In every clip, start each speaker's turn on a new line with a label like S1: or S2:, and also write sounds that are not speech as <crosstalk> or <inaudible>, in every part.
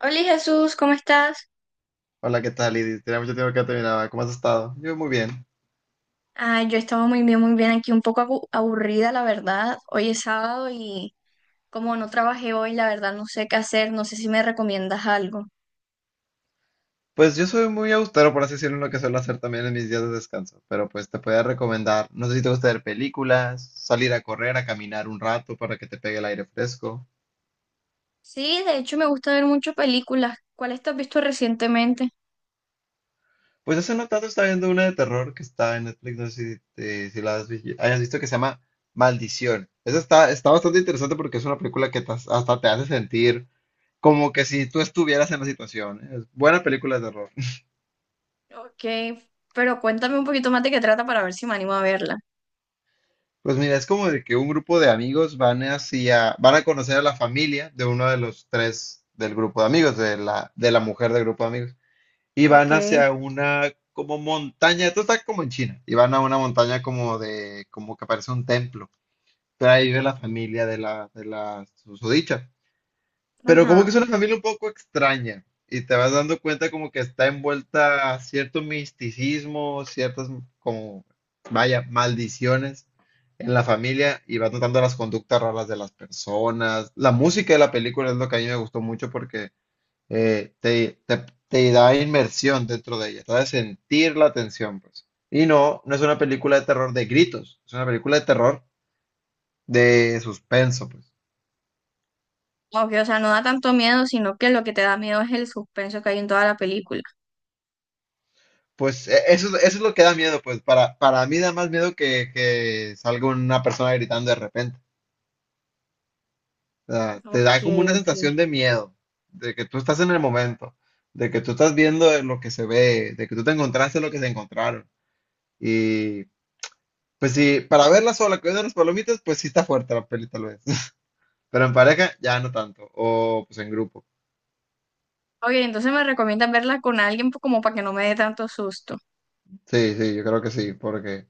S1: Hola Jesús, ¿cómo estás?
S2: Hola, ¿qué tal, Lidis? Tenía mucho tiempo que no te miraba. ¿Cómo has estado? Yo muy bien.
S1: Ah, yo estaba muy bien aquí, un poco aburrida, la verdad. Hoy es sábado y como no trabajé hoy, la verdad no sé qué hacer, no sé si me recomiendas algo.
S2: Pues yo soy muy austero, por así decirlo, en lo que suelo hacer también en mis días de descanso. Pero pues te podría recomendar, no sé si te gusta ver películas, salir a correr, a caminar un rato para que te pegue el aire fresco.
S1: Sí, de hecho me gusta ver muchas películas. ¿Cuáles te has visto recientemente?
S2: Pues hace no tanto estaba viendo una de terror que está en Netflix, no sé si, si hayas visto, que se llama Maldición. Esa está bastante interesante porque es una película que te hasta te hace sentir como que si tú estuvieras en la situación. ¿Eh? Es buena película de terror.
S1: Ok, pero cuéntame un poquito más de qué trata para ver si me animo a verla.
S2: Pues mira, es como de que un grupo de amigos van hacia, van a conocer a la familia de uno de los tres del grupo de amigos, de la mujer del grupo de amigos, y
S1: Ok,
S2: van hacia una como montaña, esto está como en China, y van a una montaña como de, como que parece un templo, pero ahí vive la familia de la susodicha. Pero como que
S1: ajá.
S2: es una familia un poco extraña y te vas dando cuenta como que está envuelta cierto misticismo, ciertas como, vaya, maldiciones en la familia y vas notando las conductas raras de las personas. La música de la película es lo que a mí me gustó mucho porque te da inmersión dentro de ella, te da sentir la tensión, pues. Y no, no es una película de terror de gritos, es una película de terror de suspenso, pues.
S1: Ok, o sea, no da tanto miedo, sino que lo que te da miedo es el suspenso que hay en toda la película.
S2: Pues eso es lo que da miedo, pues para mí da más miedo que salga una persona gritando de repente. O sea, te
S1: Ok,
S2: da como una
S1: ok.
S2: sensación de miedo, de que tú estás en el momento, de que tú estás viendo lo que se ve, de que tú te encontraste lo que se encontraron. Y pues sí, para verla sola, comiendo las palomitas, pues sí está fuerte la peli tal vez. <laughs> Pero en pareja ya no tanto, o pues en grupo.
S1: Ok, entonces me recomiendas verla con alguien como para que no me dé tanto susto.
S2: Sí, sí, yo creo que sí, porque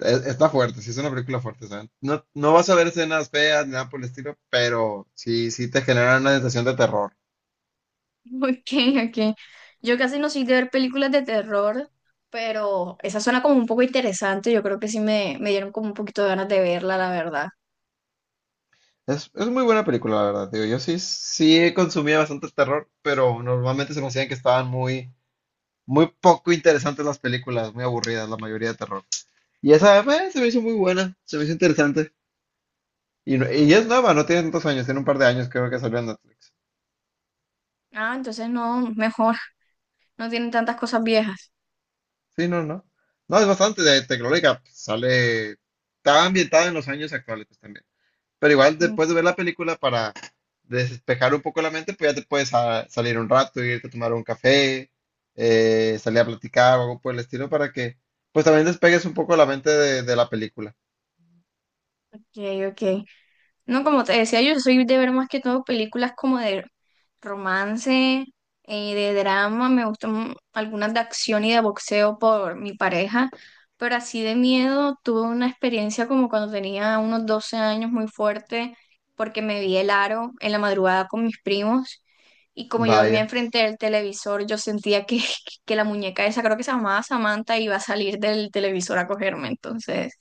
S2: Está fuerte, sí es una película fuerte, ¿saben? No, no vas a ver escenas feas ni nada por el estilo, pero sí, sí te genera una sensación de terror.
S1: <laughs> Ok, ok. Yo casi no soy de ver películas de terror, pero esa suena como un poco interesante. Yo creo que sí me dieron como un poquito de ganas de verla, la verdad.
S2: Es muy buena película, la verdad, digo, yo sí, sí consumía bastante terror, pero normalmente se me hacían que estaban muy, muy poco interesantes las películas, muy aburridas la mayoría de terror. Y esa se me hizo muy buena, se me hizo interesante. Y es nueva, no tiene tantos años, tiene un par de años creo que salió en Netflix.
S1: Ah, entonces no, mejor. No tienen tantas cosas viejas.
S2: Sí, no, no. No, es bastante de tecnológica, sale, está ambientada en los años actuales pues, también. Pero igual
S1: Ok,
S2: después de ver la película para despejar un poco la mente, pues ya te puedes salir un rato, irte a tomar un café, salir a platicar o algo por el estilo para que pues también despegues un poco la mente de la película.
S1: ok. No, como te decía, yo soy de ver más que todo películas como de romance, de drama, me gustan algunas de acción y de boxeo por mi pareja, pero así de miedo tuve una experiencia como cuando tenía unos 12 años muy fuerte, porque me vi el aro en la madrugada con mis primos y como yo dormía
S2: Vaya.
S1: enfrente del televisor, yo sentía que, <laughs> que la muñeca esa, creo que se llamaba Samantha, iba a salir del televisor a cogerme, entonces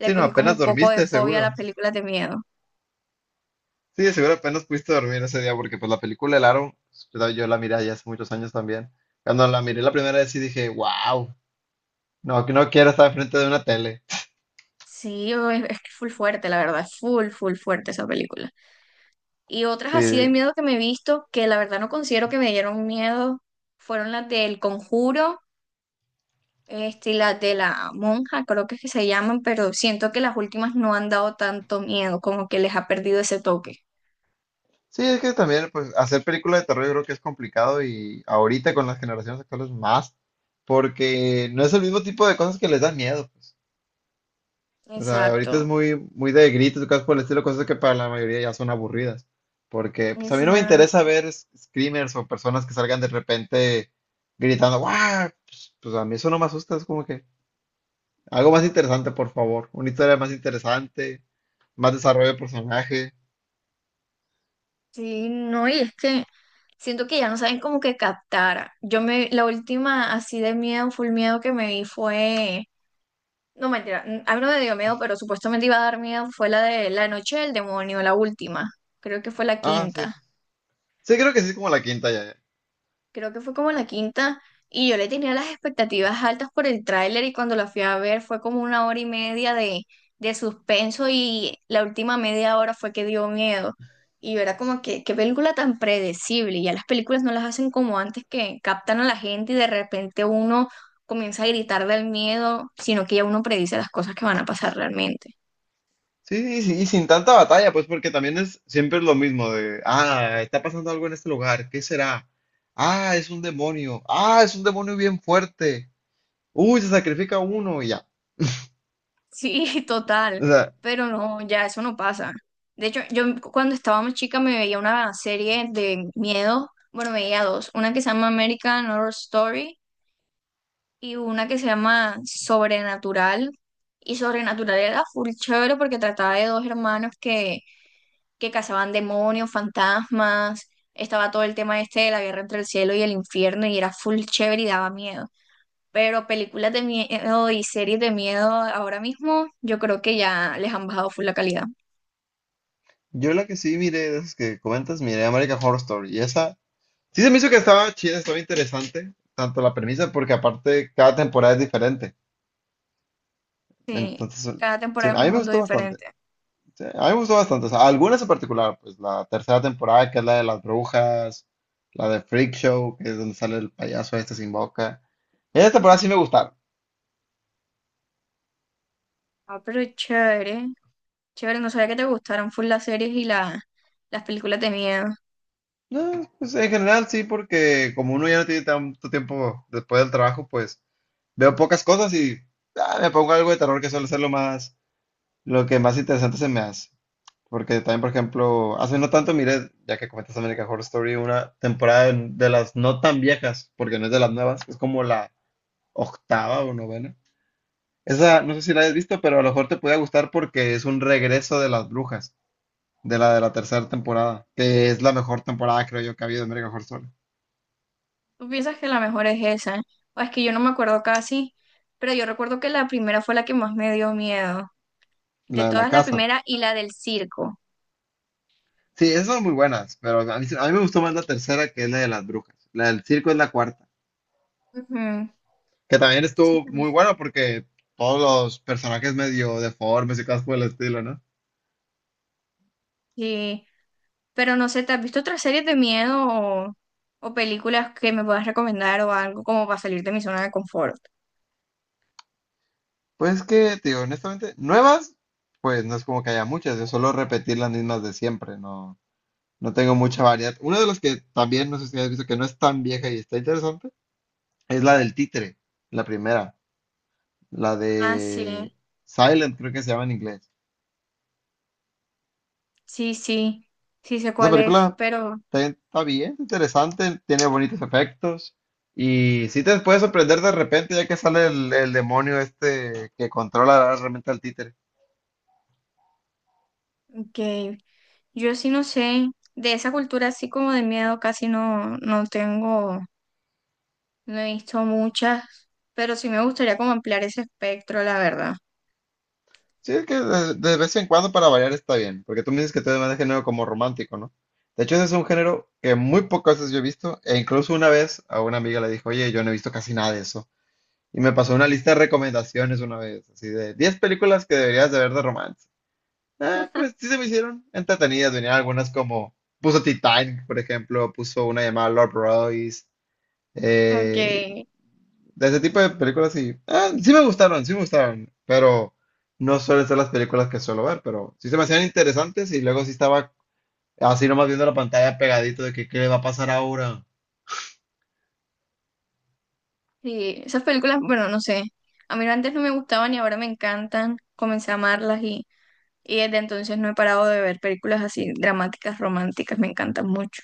S1: le
S2: Sí, no,
S1: cogí como
S2: apenas
S1: un poco de
S2: dormiste,
S1: fobia a las
S2: seguro.
S1: películas de miedo.
S2: Sí, de seguro apenas pudiste dormir ese día porque pues la película El Aro, yo la miré ya hace muchos años también. Cuando la miré la primera vez sí dije, wow, no, que no quiero estar frente de una tele.
S1: Sí, es que es full fuerte, la verdad, es full, full fuerte esa película. Y otras
S2: Sí,
S1: así de miedo que me he visto, que la verdad no considero que me dieron miedo, fueron las del Conjuro, este, y las de la monja, creo que es que se llaman, pero siento que las últimas no han dado tanto miedo, como que les ha perdido ese toque.
S2: sí, es que también, pues, hacer películas de terror yo creo que es complicado y ahorita con las generaciones actuales más, porque no es el mismo tipo de cosas que les dan miedo, pues. O sea,
S1: Exacto,
S2: ahorita es muy, muy de gritos y cosas por el estilo, cosas que para la mayoría ya son aburridas. Porque, pues, a mí no me interesa
S1: exacto.
S2: ver screamers o personas que salgan de repente gritando, ¡guau! Pues a mí eso no me asusta, es como que algo más interesante, por favor. Una historia más interesante, más desarrollo de personaje.
S1: Sí, no, y es que siento que ya no saben como que captar. La última así de miedo, full miedo que me vi fue no, mentira. A mí no me dio miedo, pero supuestamente iba a dar miedo. Fue la de La Noche del Demonio, la última. Creo que fue la
S2: Ah, sí,
S1: quinta.
S2: sí. Sí, creo que sí es como la quinta ya.
S1: Creo que fue como la quinta. Y yo le tenía las expectativas altas por el tráiler y cuando la fui a ver fue como una hora y media de suspenso y la última media hora fue que dio miedo. Y yo era como que, qué película tan predecible. Y ya las películas no las hacen como antes, que captan a la gente y de repente uno comienza a gritar del miedo, sino que ya uno predice las cosas que van a pasar realmente.
S2: Sí, y sin tanta batalla, pues porque también es siempre es lo mismo de, ah, está pasando algo en este lugar, ¿qué será? Ah, es un demonio, ah, es un demonio bien fuerte, uy, se sacrifica uno y ya.
S1: Sí, <laughs> total,
S2: O sea,
S1: pero no, ya eso no pasa. De hecho, yo cuando estaba más chica me veía una serie de miedo, bueno, me veía dos, una que se llama American Horror Story y una que se llama Sobrenatural. Y Sobrenatural era full chévere porque trataba de dos hermanos que cazaban demonios, fantasmas, estaba todo el tema este de la guerra entre el cielo y el infierno y era full chévere y daba miedo. Pero películas de miedo y series de miedo ahora mismo, yo creo que ya les han bajado full la calidad.
S2: yo la que sí miré, de esas que comentas, miré American Horror Story y esa, sí se me hizo que estaba chida, estaba interesante, tanto la premisa, porque aparte cada temporada es diferente,
S1: Sí,
S2: entonces,
S1: cada temporada es
S2: a
S1: un
S2: mí me
S1: mundo
S2: gustó bastante.
S1: diferente.
S2: Sí, a mí me gustó bastante. O sea, algunas en particular, pues la tercera temporada, que es la de las brujas, la de Freak Show, que es donde sale el payaso este sin boca. Esa
S1: Ujú.
S2: temporada sí me gustaron.
S1: Ah, pero chévere, chévere, no sabía que te gustaran full las series y las películas de miedo.
S2: No, pues en general sí, porque como uno ya no tiene tanto tiempo después del trabajo, pues veo pocas cosas y me pongo algo de terror que suele ser lo que más interesante se me hace. Porque también, por ejemplo, hace no tanto miré, ya que comentas American Horror Story, una temporada de las no tan viejas, porque no es de las nuevas, es como la octava o novena. Esa no sé si la hayas visto, pero a lo mejor te puede gustar porque es un regreso de las brujas, de la tercera temporada, que es la mejor temporada, creo yo, que ha habido en American Horror Story,
S1: ¿Tú piensas que la mejor es esa? O es que yo no me acuerdo casi, pero yo recuerdo que la primera fue la que más me dio miedo. De
S2: la de la
S1: todas, la
S2: casa.
S1: primera y la del circo.
S2: Sí, esas son muy buenas, pero a mí, a mí me gustó más la tercera que es la de las brujas. La del circo es la cuarta,
S1: Ujú,
S2: que también
S1: sí,
S2: estuvo muy
S1: pues,
S2: buena porque todos los personajes medio deformes y cosas por el estilo, ¿no?
S1: sí. Pero no sé, ¿te has visto otras series de miedo o películas que me puedas recomendar o algo como para salir de mi zona de confort?
S2: Pues es que, tío, honestamente, nuevas, pues no es como que haya muchas, es solo repetir las mismas de siempre, ¿no? No tengo mucha variedad. Una de las que también no sé si has visto que no es tan vieja y está interesante es la del títere, la primera, la
S1: Ah, sí,
S2: de Silent, creo que se llama en inglés.
S1: sí, sí, sí sé
S2: Esa
S1: cuál es,
S2: película
S1: pero
S2: está bien, interesante, tiene bonitos efectos y sí te puede sorprender de repente ya que sale el, demonio este que controla realmente al títere.
S1: que yo sí no sé, de esa cultura así como de miedo casi no, no tengo, no he visto muchas, pero sí me gustaría como ampliar ese espectro, la verdad.
S2: Sí, es que de vez en cuando para variar está bien, porque tú me dices que te demanda género como romántico, ¿no? De hecho, ese es un género que muy pocas veces yo he visto, e incluso una vez a una amiga le dijo, oye, yo no he visto casi nada de eso. Y me pasó una lista de recomendaciones una vez, así de 10 películas que deberías de ver de romance. Ah, pues sí se me hicieron entretenidas, venían algunas como, puso Titanic, por ejemplo, puso una llamada Lord Royce,
S1: Ok,
S2: eh, de ese tipo de películas sí. Ah, sí me gustaron, sí me gustaron. Pero no suelen ser las películas que suelo ver, pero sí se me hacían interesantes y luego sí estaba así nomás viendo la pantalla pegadito de que qué le va a pasar ahora.
S1: sí, esas películas, bueno, no sé, a mí antes no me gustaban y ahora me encantan, comencé a amarlas. Y desde entonces no he parado de ver películas así dramáticas, románticas, me encantan mucho.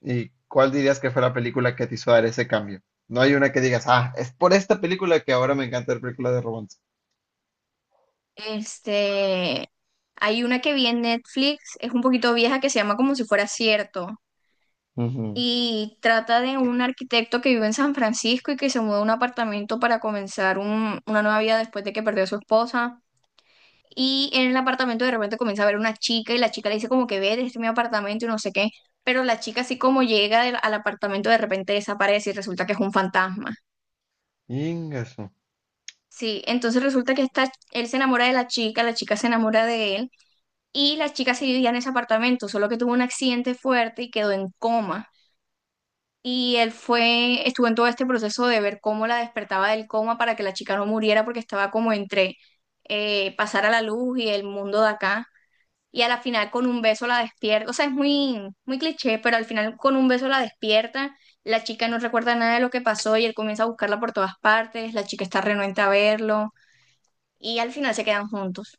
S2: ¿Y cuál dirías que fue la película que te hizo dar ese cambio? No hay una que digas, ah, es por esta película que ahora me encanta ver películas de romance.
S1: Este, hay una que vi en Netflix, es un poquito vieja, que se llama Como si fuera cierto.
S2: Ujú.
S1: Y trata de un arquitecto que vive en San Francisco y que se mudó a un apartamento para comenzar una nueva vida después de que perdió a su esposa. Y en el apartamento de repente comienza a ver una chica y la chica le dice como que ve, este es mi apartamento y no sé qué. Pero la chica así como llega al apartamento de repente desaparece y resulta que es un fantasma.
S2: Ingaso.
S1: Sí, entonces resulta que él se enamora de la chica se enamora de él y la chica se vivía en ese apartamento, solo que tuvo un accidente fuerte y quedó en coma. Y él fue, estuvo en todo este proceso de ver cómo la despertaba del coma para que la chica no muriera porque estaba como entre pasar a la luz y el mundo de acá. Y a la final con un beso la despierta, o sea, es muy, muy cliché, pero al final con un beso la despierta, la chica no recuerda nada de lo que pasó y él comienza a buscarla por todas partes, la chica está renuente a verlo y al final se quedan juntos.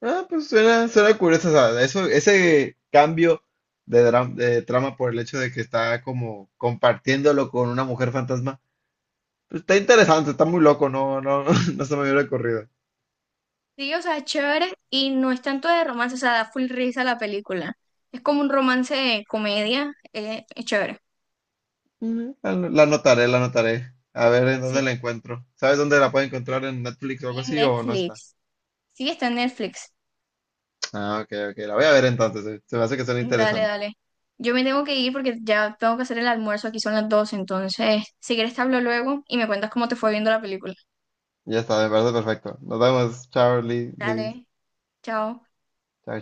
S2: Ah, pues suena curioso, o sea, eso, ese cambio de trama por el hecho de que está como compartiéndolo con una mujer fantasma. Está interesante, está muy loco, no, no, <laughs> no se me hubiera ocurrido.
S1: Sí, o sea, es chévere y no es tanto de romance, o sea, da full risa la película. Es como un romance de comedia, es chévere.
S2: La anotaré, la anotaré. A ver en dónde
S1: Sí,
S2: la encuentro. ¿Sabes dónde la puedo encontrar en Netflix o algo
S1: en
S2: así o no está?
S1: Netflix. Sí, está en Netflix.
S2: Ah, ok, ok, la voy a ver entonces. Se me hace que suena
S1: Dale,
S2: interesante.
S1: dale. Yo me tengo que ir porque ya tengo que hacer el almuerzo, aquí son las 12, entonces, si quieres te hablo luego y me cuentas cómo te fue viendo la película.
S2: Ya está, me parece perfecto. Nos vemos, chao,
S1: Dale, chao.
S2: chao,